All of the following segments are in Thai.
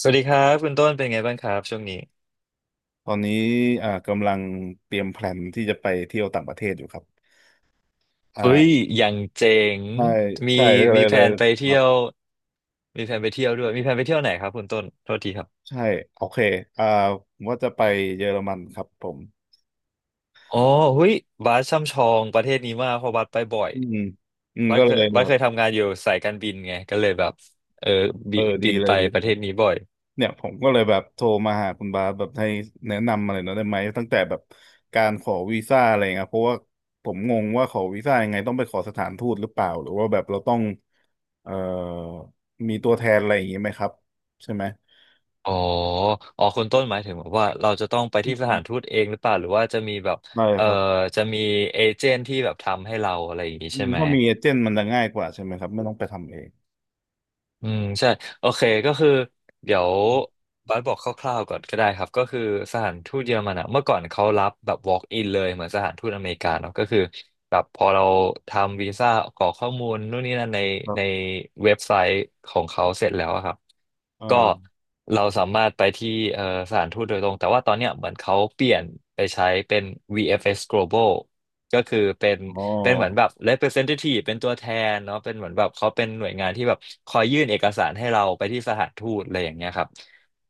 สวัสดีครับคุณต้นเป็นไงบ้างครับช่วงนี้ตอนนี้กำลังเตรียมแพลนที่จะไปเที่ยวต่างประเทศอยู่ครับเฮ้ยอ่าอย่างเจ๋งใช่มีใช่เลยเลมียแผเลยนไปคเที่รัยวบมีแผนไปเที่ยวไหนครับคุณต้นโทษทีครับใช่โอเคอ่าผมว่าจะไปเยอรมันครับผมอ๋อเฮ้ยบาสช่ำชองประเทศนี้มากเพราะบาสไปบ่อยอืมก็เลยบาแบสบเคยทำงานอยู่สายการบินไงก็เลยแบบเออเออดีบินเลไปยดีประเลเทยศนี้บ่อยเนี่ยผมก็เลยแบบโทรมาหาคุณบาสแบบให้แนะนำอะไรหน่อยได้ไหมตั้งแต่แบบการขอวีซ่าอะไรเงี้ยเพราะว่าผมงงว่าขอวีซ่ายังไงต้องไปขอสถานทูตหรือเปล่าหรือว่าแบบเราต้องเอ่อมีตัวแทนอะไรอย่างงี้ไหมครับใช่ไหมอ๋อคุณต้นหมายถึงแบบว่าเราจะต้องไปอืที่สถานม ทูตเองหรือเปล่าหรือว่าจะมีแบบได้เอ่อครับจะมีเอเจนต์ที่แบบทำให้เราอะไรอย่างนี้อืใช่มไหม ถ้ามีเอเจนต์มันจะง่ายกว่าใช่ไหมครับไม่ต้องไปทำเองอืมใช่โอเคก็คือเดี๋ยวอืมบัสบอกคร่าวๆก่อนก็ได้ครับก็คือสถานทูตเยอรมันอะเมื่อก่อนเขารับแบบ walk in เลยเหมือนสถานทูตอเมริกาเนาะก็คือแบบพอเราทำวีซ่ากรอกข้อมูลนู่นนี่นั่นครัในบเว็บไซต์ของเขาเสร็จแล้วอะครับเอ่ก็อเราสามารถไปที่เอ่อสถานทูตโดยตรงแต่ว่าตอนเนี้ยเหมือนเขาเปลี่ยนไปใช้เป็น VFS Global ก็คืออ๋อเป็นเหมือนแบบ representative เป็นตัวแทนเนาะเป็นเหมือนแบบเขาเป็นหน่วยงานที่แบบคอยยื่นเอกสารให้เราไปที่สถานทูตอะไรอย่างเงี้ยครับ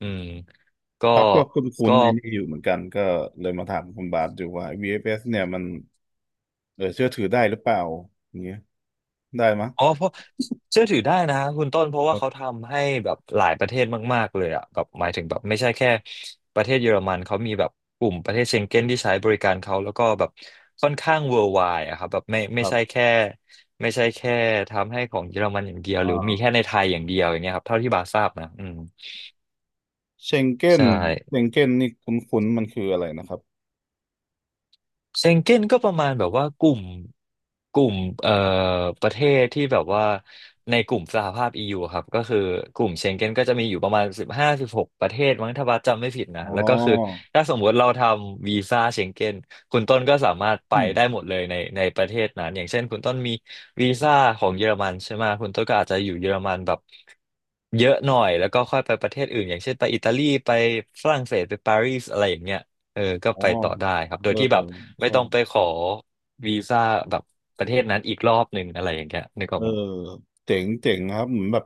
อืมก็ครับก็คุ้ก็นๆไอ้นี่อยู่เหมือนกันก็เลยมาถามคุณบาทอยู่ว่า VFS เอฟเอสเนี่ยมันเชื่อถือได้หรือเปล่าอย่างเงี้ยได้มั้ยอ๋อเพราะเชื่อถือได้นะคุณต้นเพราะคว่ารับเขาทำให้แบบหลายประเทศมากๆเลยอะแบบหมายถึงแบบไม่ใช่แค่ประเทศเยอรมันเขามีแบบกลุ่มประเทศเชงเก้นที่ใช้บริการเขาแล้วก็แบบค่อนข้าง worldwide อะครับแบบคไม่รัใช่บแค่ไม่ใช่แค่ทำให้ของเยอรมันอย่างเดียวอหรือมีแค่่าในไทยอย่างเดียวอย่างเงี้ยครับเท่าที่บาทราบนะอืมเชงเก้นใช่ เชงเก้นนี่คุ้นๆมันคืออะไรนะครับเชงเก้นก็ประมาณแบบว่ากลุ่มเอ่อประเทศที่แบบว่าในกลุ่มสหภาพ EU ครับก็คือกลุ่มเชงเก้นก็จะมีอยู่ประมาณ15-16ประเทศมั้งถ้าบัสจำไม่ผิดนะอ๋แล้วก็คืออถ้าสมมติเราทำวีซ่าเชงเก้นคุณต้นก็สามารถไปอืมได้หมดเลยในประเทศนั้นอย่างเช่นคุณต้นมีวีซ่าของเยอรมันใช่ไหมคุณต้นก็อาจจะอยู่เยอรมันแบบเยอะหน่อยแล้วก็ค่อยไปประเทศอื่นอย่างเช่นไปอิตาลีไปฝรั่งเศสไปปารีสอะไรอย่างเงี้ย เออก็อ๋อไปต่อได้ครับ โดยที่เออแบบไม่ใช่ ต้องไปขอวีซ่าแบบประเทศนั้นอีกรอบหนึ่งอะไรอย่างเงี้ยนึกอเออกอไหมเจ๋งเจ๋งครับเหมือนแบบ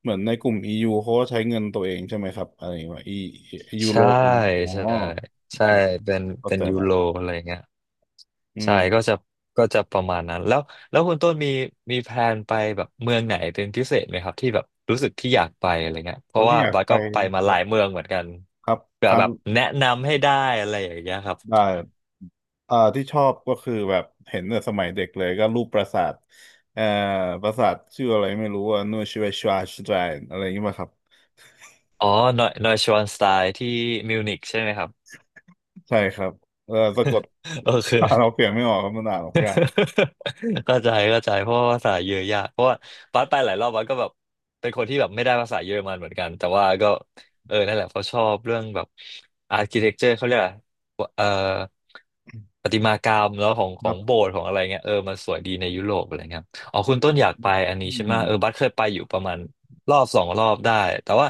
เหมือนในกลุ่ม EU เขาก็ใช้เงินตัวเองใช่ไหมครับอะไรว่ายูโรใช่อ๋อใช่โอใช่เคเข้าเป็นใจยูโรละอะไรเงี้ยอืใช่มก็จะประมาณนั้นแล้วคุณต้นมีแพลนไปแบบเมืองไหนเป็นพิเศษไหมครับที่แบบรู้สึกที่อยากไปอะไรเงี้ยเพผมราะที่ว่าอยากบัสไปก็ไปมาคหรัลาบยเมืองเหมือนกันครับคเผื่อรั้แบงบแนะนำให้ได้อะไรอย่างเงี้ยครับได้ที่ชอบก็คือแบบเห็นแต่สมัยเด็กเลยก็รูปปราสาทเอ่อปราสาทชื่ออะไรไม่รู้ว่านูชิเวชวาชไตรนอะไรอย่างนี้ป่ะครับอ๋อนอยนอยชวานสไตล์ที่มิวนิกใช่ไหมครับ ใช่ครับเออสะกด โอเค เราเปลี่ยนไม่ออกครับมันอ่านออกยาก เข้าใจเพราะว่าภาษาเยอะยากเพราะว่าบัสไปหลายรอบบัสก็แบบเป็นคนที่แบบไม่ได้ภาษาเยอรมันเหมือนกันแต่ว่าก็เออนั่นแหละเขาะชอบเรื่องแบบอาร์คิเทคเจอร์เขาเรียกอะไรเอ่อประติมากรรมแล้วขคอรังโบบสถ์ของอะไรเงี้ยเออมันสวยดีในยุโรปอะไรเงี้ยอ๋อคุณต้นอยากไปอันอืนี้ใช่ไหมเออบัสม เคยไปอยู่ประมาณรอบสองรอบได้แต่ว่า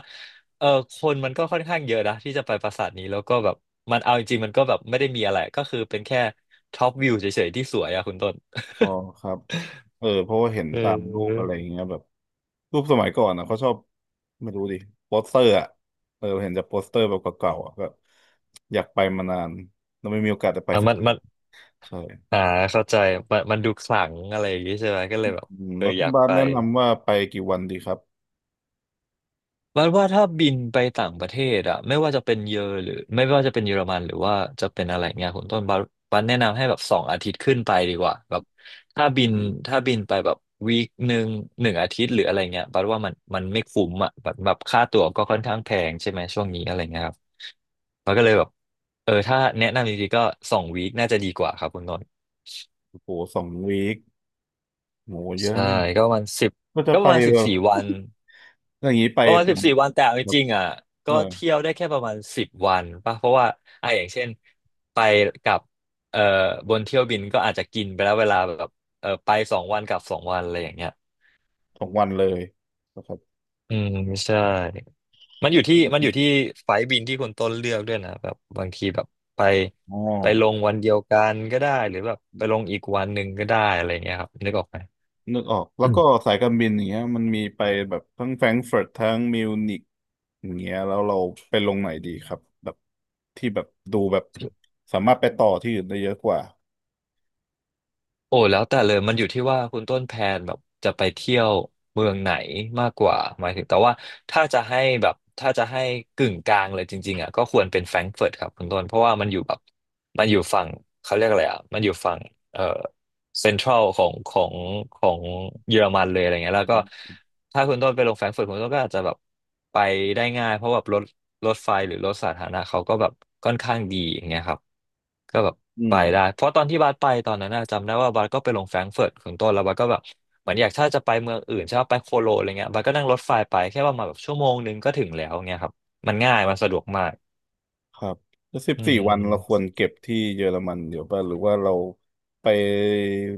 เออคนมันก็ค่อนข้างเยอะนะที่จะไปปราสาทนี้แล้วก็แบบเอาจริงๆมันก็แบบไม่ได้มีอะไรก็คือเป็นแค่ท็อปวิวเฉยๆที่สวยอะคุณต้น อ๋อครับเออเพราะว่าเห็น เออ ตามรูปอะไร อย่างเงี้ยแบบรูปสมัยก่อนนะเขาชอบไม่รู้ดิโปสเตอร์อ่ะเออเห็นจากโปสเตอร์แบบเก่าๆอ่ะก็อยากไปมานานแล้วไม่มีโอกาสได้ไปอ่ะสักทีมันใช่อ่าเข้าใจมันดูขลังอะไรอย่างงี้ใช่ไหมก็เลยแบบอืมเออแล้วคุอณยากบาสไป แนะนำว่าไปกี่วันดีครับบัดว่าถ้าบินไปต่างประเทศอะไม่ว่าจะเป็นเยอรหรือไม่ว่าจะเป็นเยอรมันหรือว่าจะเป็นอะไรเงี้ยคุณต้นบัสแนะนำให้แบบ2 อาทิตย์ขึ้นไปดีกว่าแบบถ้าบินถ้าบินไปแบบ1 วีค1 อาทิตย์หรืออะไรเงี้ยบัดว่ามันไม่คุ้มอะแบบค่าตั๋วก็ค่อนข้างแพงใช่ไหมช่วงนี้อะไรเงี้ยครับมันก็เลยแบบเออถ้าแนะนำจริงๆก็2 วีคน่าจะดีกว่าครับคุณต้นโอ้โห2 วีคโหเยอะใช่นะเนี่ยก็ประมาณสิบก็จะก็ปไประมาณสิแบบบสี่วัน อย่างนี้ไปประมาณต่างสิบจังหสี่วัดวันแต่เอาจแบบริงๆอ่ะเอก็อเที่ยวได้แค่ประมาณสิบวันป่ะเพราะว่าอ่ะอย่างเช่นไปกับเอ่อบนเที่ยวบินก็อาจจะกินไปแล้วเวลาแบบเออไปสองวันกลับสองวันอะไรอย่างเงี้ย2 วันเลยนะครับอืมใช่มันอยู่ที่อมันอยู่มที่ไฟล์บินที่คุณต้นเลือกด้วยนะแบบบางทีแบบไปอ๋อ ไปลงวันเดียวกันก็ได้หรือแบบไปลงอีกวันหนึ่งก็ได้อะไรเงี้ยครับนึกออกไหมนึกออกแล้วอืม ก็สายการบินอย่างเงี้ยมันมีไปแบบทั้งแฟรงก์เฟิร์ตทั้งมิวนิกอย่างเงี้ยแล้วเราไปลงไหนดีครับแบบที่แบบดูแบบสามารถไปต่อที่อื่นได้เยอะกว่าโอ้แล้วแต่เลยมันอยู่ที่ว่าคุณต้นแพลนแบบจะไปเที่ยวเมืองไหนมากกว่าหมายถึงแต่ว่าถ้าจะให้กึ่งกลางเลยจริงๆอ่ะก็ควรเป็นแฟรงก์เฟิร์ตครับคุณต้นเพราะว่ามันอยู่แบบมันอยู่ฝั่งเขาเรียกอะไรอ่ะมันอยู่ฝั่งเออ เซ็นทรัลของเยอรมันเลยอะไรเงี้อืยแล้วก็มถ้าคุณต้นไปลงแฟรงก์เฟิร์ตคุณต้นก็อาจจะแบบไปได้ง่ายเพราะแบบรถไฟหรือรถสาธารณะเขาก็แบบค่อนข้างดีอย่างเงี้ยครับก็แบบอืไปมได้เพราะตอนที่บัสไปตอนนั้นน่ะจำได้ว่าบัสก็ไปลงแฟรงก์เฟิร์ตของต้นแล้วบัสก็แบบเหมือนอยากถ้าจะไปเมืองอื่นใช่ไหมไปโคโลนอะไรเงี้ยบัสก็นั่งรถไฟไปแค่ประมาณแบบชั่วโมงนึงก็ถึงแล้วเงี้ยครับมันง่ายมันสะดวกมากครับแล้วสิบอืสี่วันเราควม รเก็บที่เยอรมันเดี๋ยวป่ะหรือว่าเราไป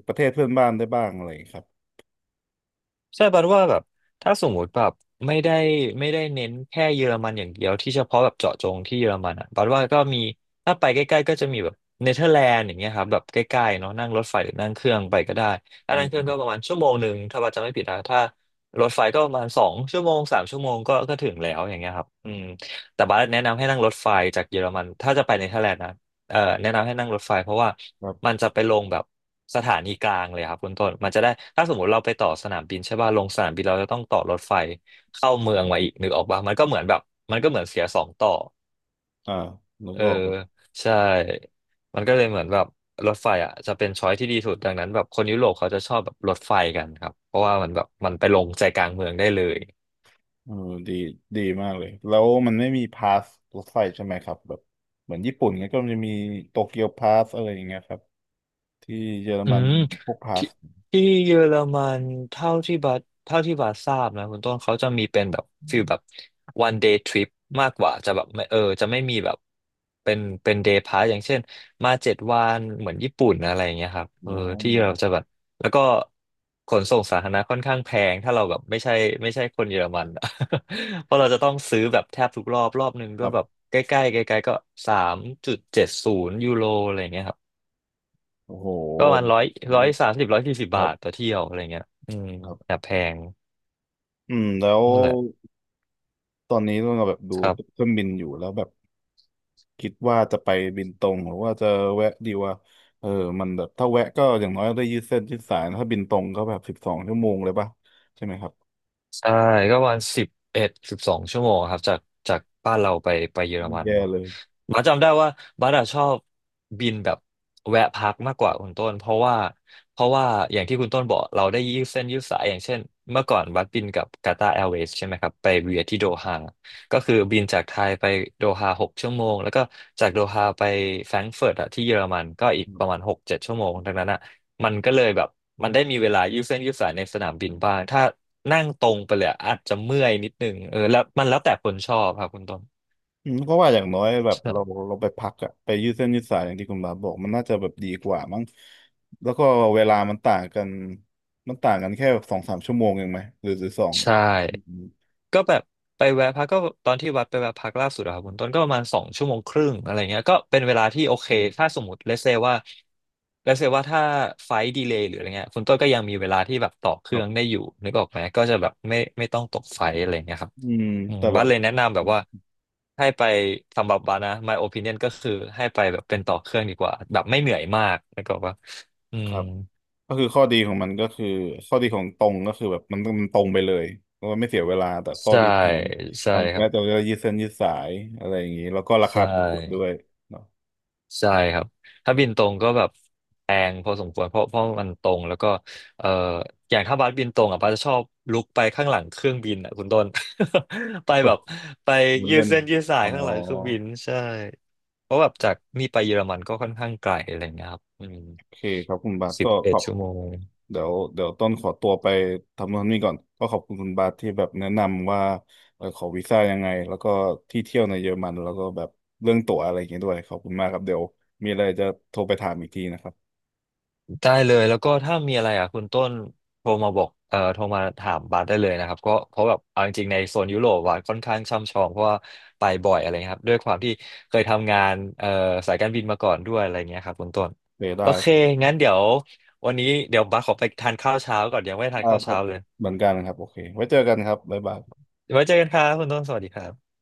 ประเทศเพื่อนบ้านได้บ้างอะไรครับใช่บันว่าแบบถ้าสมมติแบบไม่ได้ไม่ได้เน้นแค่เยอรมันอย่างเดียวที่เฉพาะแบบเจาะจงที่เยอรมันอ่ะบันว่าก็มีถ้าไปใกล้ๆก็จะมีแบบเนเธอร์แลนด์อย่างเงี้ยครับแบบใกล้ๆเนาะนั่งรถไฟหรือนั่งเครื่องไปก็ได้ถ้าอืนั่งเครื่องก็มประมาณชั่วโมงหนึ่งถ้าบันจำไม่ผิดนะถ้ารถไฟก็ประมาณสองชั่วโมง3 ชั่วโมงก็ถึงแล้วอย่างเงี้ยครับอืมแต่บันแนะนำให้นั่งรถไฟจากเยอรมันถ้าจะไปเนเธอร์แลนด์นะ แนะนำให้นั่งรถไฟเพราะว่าครัมันบจะไปลงแบบสถานีกลางเลยครับคุณต้นมันจะได้ถ้าสมมติเราไปต่อสนามบินใช่ป่ะลงสนามบินเราจะต้องต่อรถไฟเข้าเมืองมาอีกนึกออกป่ะมันก็เหมือนเสียสองต่ออ่านึกเออออก ใช่มันก็เลยเหมือนแบบรถไฟอ่ะจะเป็นช้อยที่ดีสุดดังนั้นแบบคนยุโรปเขาจะชอบแบบรถไฟกันครับเพราะว่ามันแบบมันไปลงใจกลางเมืองได้เลย เออดีดีมากเลยแล้วมันไม่มีพาสรถไฟใช่ไหมครับแบบเหมือนญี่ปุ่นเงี้ยก็มจะมีโตเกียวพาสอะไรอย่างเงี้ยครับที่เยอรอืมันมพวกพาที่สที่เยอรมันเท่าที่บัสทราบนะคุณต้นเขาจะมีเป็นแบบฟีลแบบ one day trip มากกว่าจะแบบไม่จะไม่มีแบบเป็น day pass อย่างเช่นมา7 วันเหมือนญี่ปุ่นอะไรอย่างเงี้ยครับเออโอ้ที่โหเราจะแบบแล้วก็ขนส่งสาธารณะค่อนข้างแพงถ้าเราแบบไม่ใช่คนเยอรมันอะ เพราะเราจะต้องซื้อแบบแทบทุกรอบรอบหนึ่งคก็รัแบบบใกล้ๆใกล้ๆก็3.70ยูโรอะไรอย่างเงี้ยครับ โอ้โหก็ประมาณร้อยร้อยรู้สามสิบ140คบารับทต่อเที่ยวอะไรเงี้ยอืมครับแอบแพงอืมแล้วนั่นแหละตอนนี้เราแบบดูครับ เครื่องบินอยู่แล้วแบบคิดว่าจะไปบินตรงหรือว่าจะแวะดีว่าเออมันแบบถ้าแวะก็อย่างน้อยได้ยืดเส้นยืดสายถ้าบินตรงก็แบบ12 ชั่วโมงเลยป่ะใช่ไหมครับใช่ก็วันสิบเอ็ด12 ชั่วโมงครับจากบ้านเราไปเยอรมันแย่เนาะเลย บัสจำได้ว่าบัสอะชอบบินแบบแวะพักมากกว่าคุณต้นเพราะว่าอย่างที่คุณต้นบอกเราได้ยืดเส้นยืดสายอย่างเช่นเมื่อก่อนบัสบินกับกาตาร์แอร์เวย์ใช่ไหมครับไปเวียที่โดฮาก็คือบินจากไทยไปโดฮา6 ชั่วโมงแล้วก็จากโดฮาไปแฟรงก์เฟิร์ตอะที่เยอรมันก็อีกประมาณ6-7 ชั่วโมงดังนั้นอะ มันก็เลยแบบมันได้มีเวลายืดเส้นยืดสายในสนามบินบ้างถ้านั่งตรงไปเลยอะอาจจะเมื่อยนิดนึงเออแล้วมันแล้วแต่คนชอบครับคุณต้นอืมเพราะว่าอย่างน้อยแบบเราใช่เราไปพักอะไปยืดเส้นยืดสายอย่างที่คุณบาสบอกมันน่าจะแบบดีกว่ามั้งแล้วก็เวลามันต่างกันมันต่างกันแค่2-3 ชั่วโมงเองไหมหรือสองใช่อืมก็แบบไปแวะพักก็ตอนที่วัดไปแวะพักล่าสุดอะครับคุณต้นก็ประมาณ2 ชั่วโมงครึ่งอะไรเงี้ยก็เป็นเวลาที่โอเคอืถ้ามสมมติเลเซว่าถ้าไฟดีเลย์หรืออะไรเงี้ยคุณต้นก็ยังมีเวลาที่แบบต่อเคครื่รัองได้บอยู่นึกออกไหมก็จะแบบไม่ต้องตกไฟอะไรเงี้ยครับ อืมอืมแต่แบบัสบเลยแนะนำแบบว่าให้ไปสำหรับบัสนะ my opinion ก็คือให้ไปแบบเป็นต่อเครื่องดีกว่าแบบไม่เหนื่อยมากแล้วก็ว่าอืคมรับก็คือข้อดีของมันก็คือข้อดีของตรงก็คือแบบมันมันตรงไปเลยแล้วก็ไม่เสียเวลาแต่ข้อใช่ดีของใช่อันครันี้บจะยืดเส้นยืดสายอะไรอย่างนี้แล้วก็ราใช่คาถูกกว่าด้วยเนาะ ใช่ครับถ้าบินตรงก็แบบแพงพอสมควรเพราะมันตรงแล้วก็เอ่ออย่างถ้าบัสบินตรงอ่ะบัสจะชอบลุกไปข้างหลังเครื่องบินอ่ะคุณต้น ไป เปิแบบไปยืเล่ดนเส้นยืดสายอ๋อข้างหลังเครื่องบินใช่ เพราะแบบจากนี่ไปเยอรมันก็ค่อนข้างไกลอะไรเงี้ยครับอืมโอเคครับคุณบาทสิก็บขเอ็ดอบ ชั่วโมงเดี๋ยวเดี๋ยวต้นขอตัวไปทำโนู่นนี่ก่อนก็ขอบคุณคุณบาสที่แบบแนะนำว่าขอวีซ่ายังไงแล้วก็ที่เที่ยวในเยอรมันแล้วก็แบบเรื่องตั๋วอะไรอย่างเงี้ยด้วยขอบคุณมากครับเดี๋ยวมีอะไรจะโทรไปถามอีกทีนะครับได้เลยแล้วก็ถ้ามีอะไรอ่ะคุณต้นโทรมาบอกโทรมาถามบาสได้เลยนะครับก็เพราะแบบเอาจริงๆในโซนยุโรปบาสค่อนข้างช่ำชองเพราะว่าไปบ่อยอะไรเงี้ยครับด้วยความที่เคยทำงานสายการบินมาก่อนด้วยอะไรเงี้ยครับคุณต้นเออได้โอเคงั้นเดี๋ยววันนี้เดี๋ยวบาสขอไปทานข้าวเช้าก่อนยังไม่ได้ทานได้ข้าวครัเช้าบเลยเหมือนกันครับโอเคไว้เจอกันครับบ๊ายบายไว้เจอกันครับคุณต้นสวัสดีครับ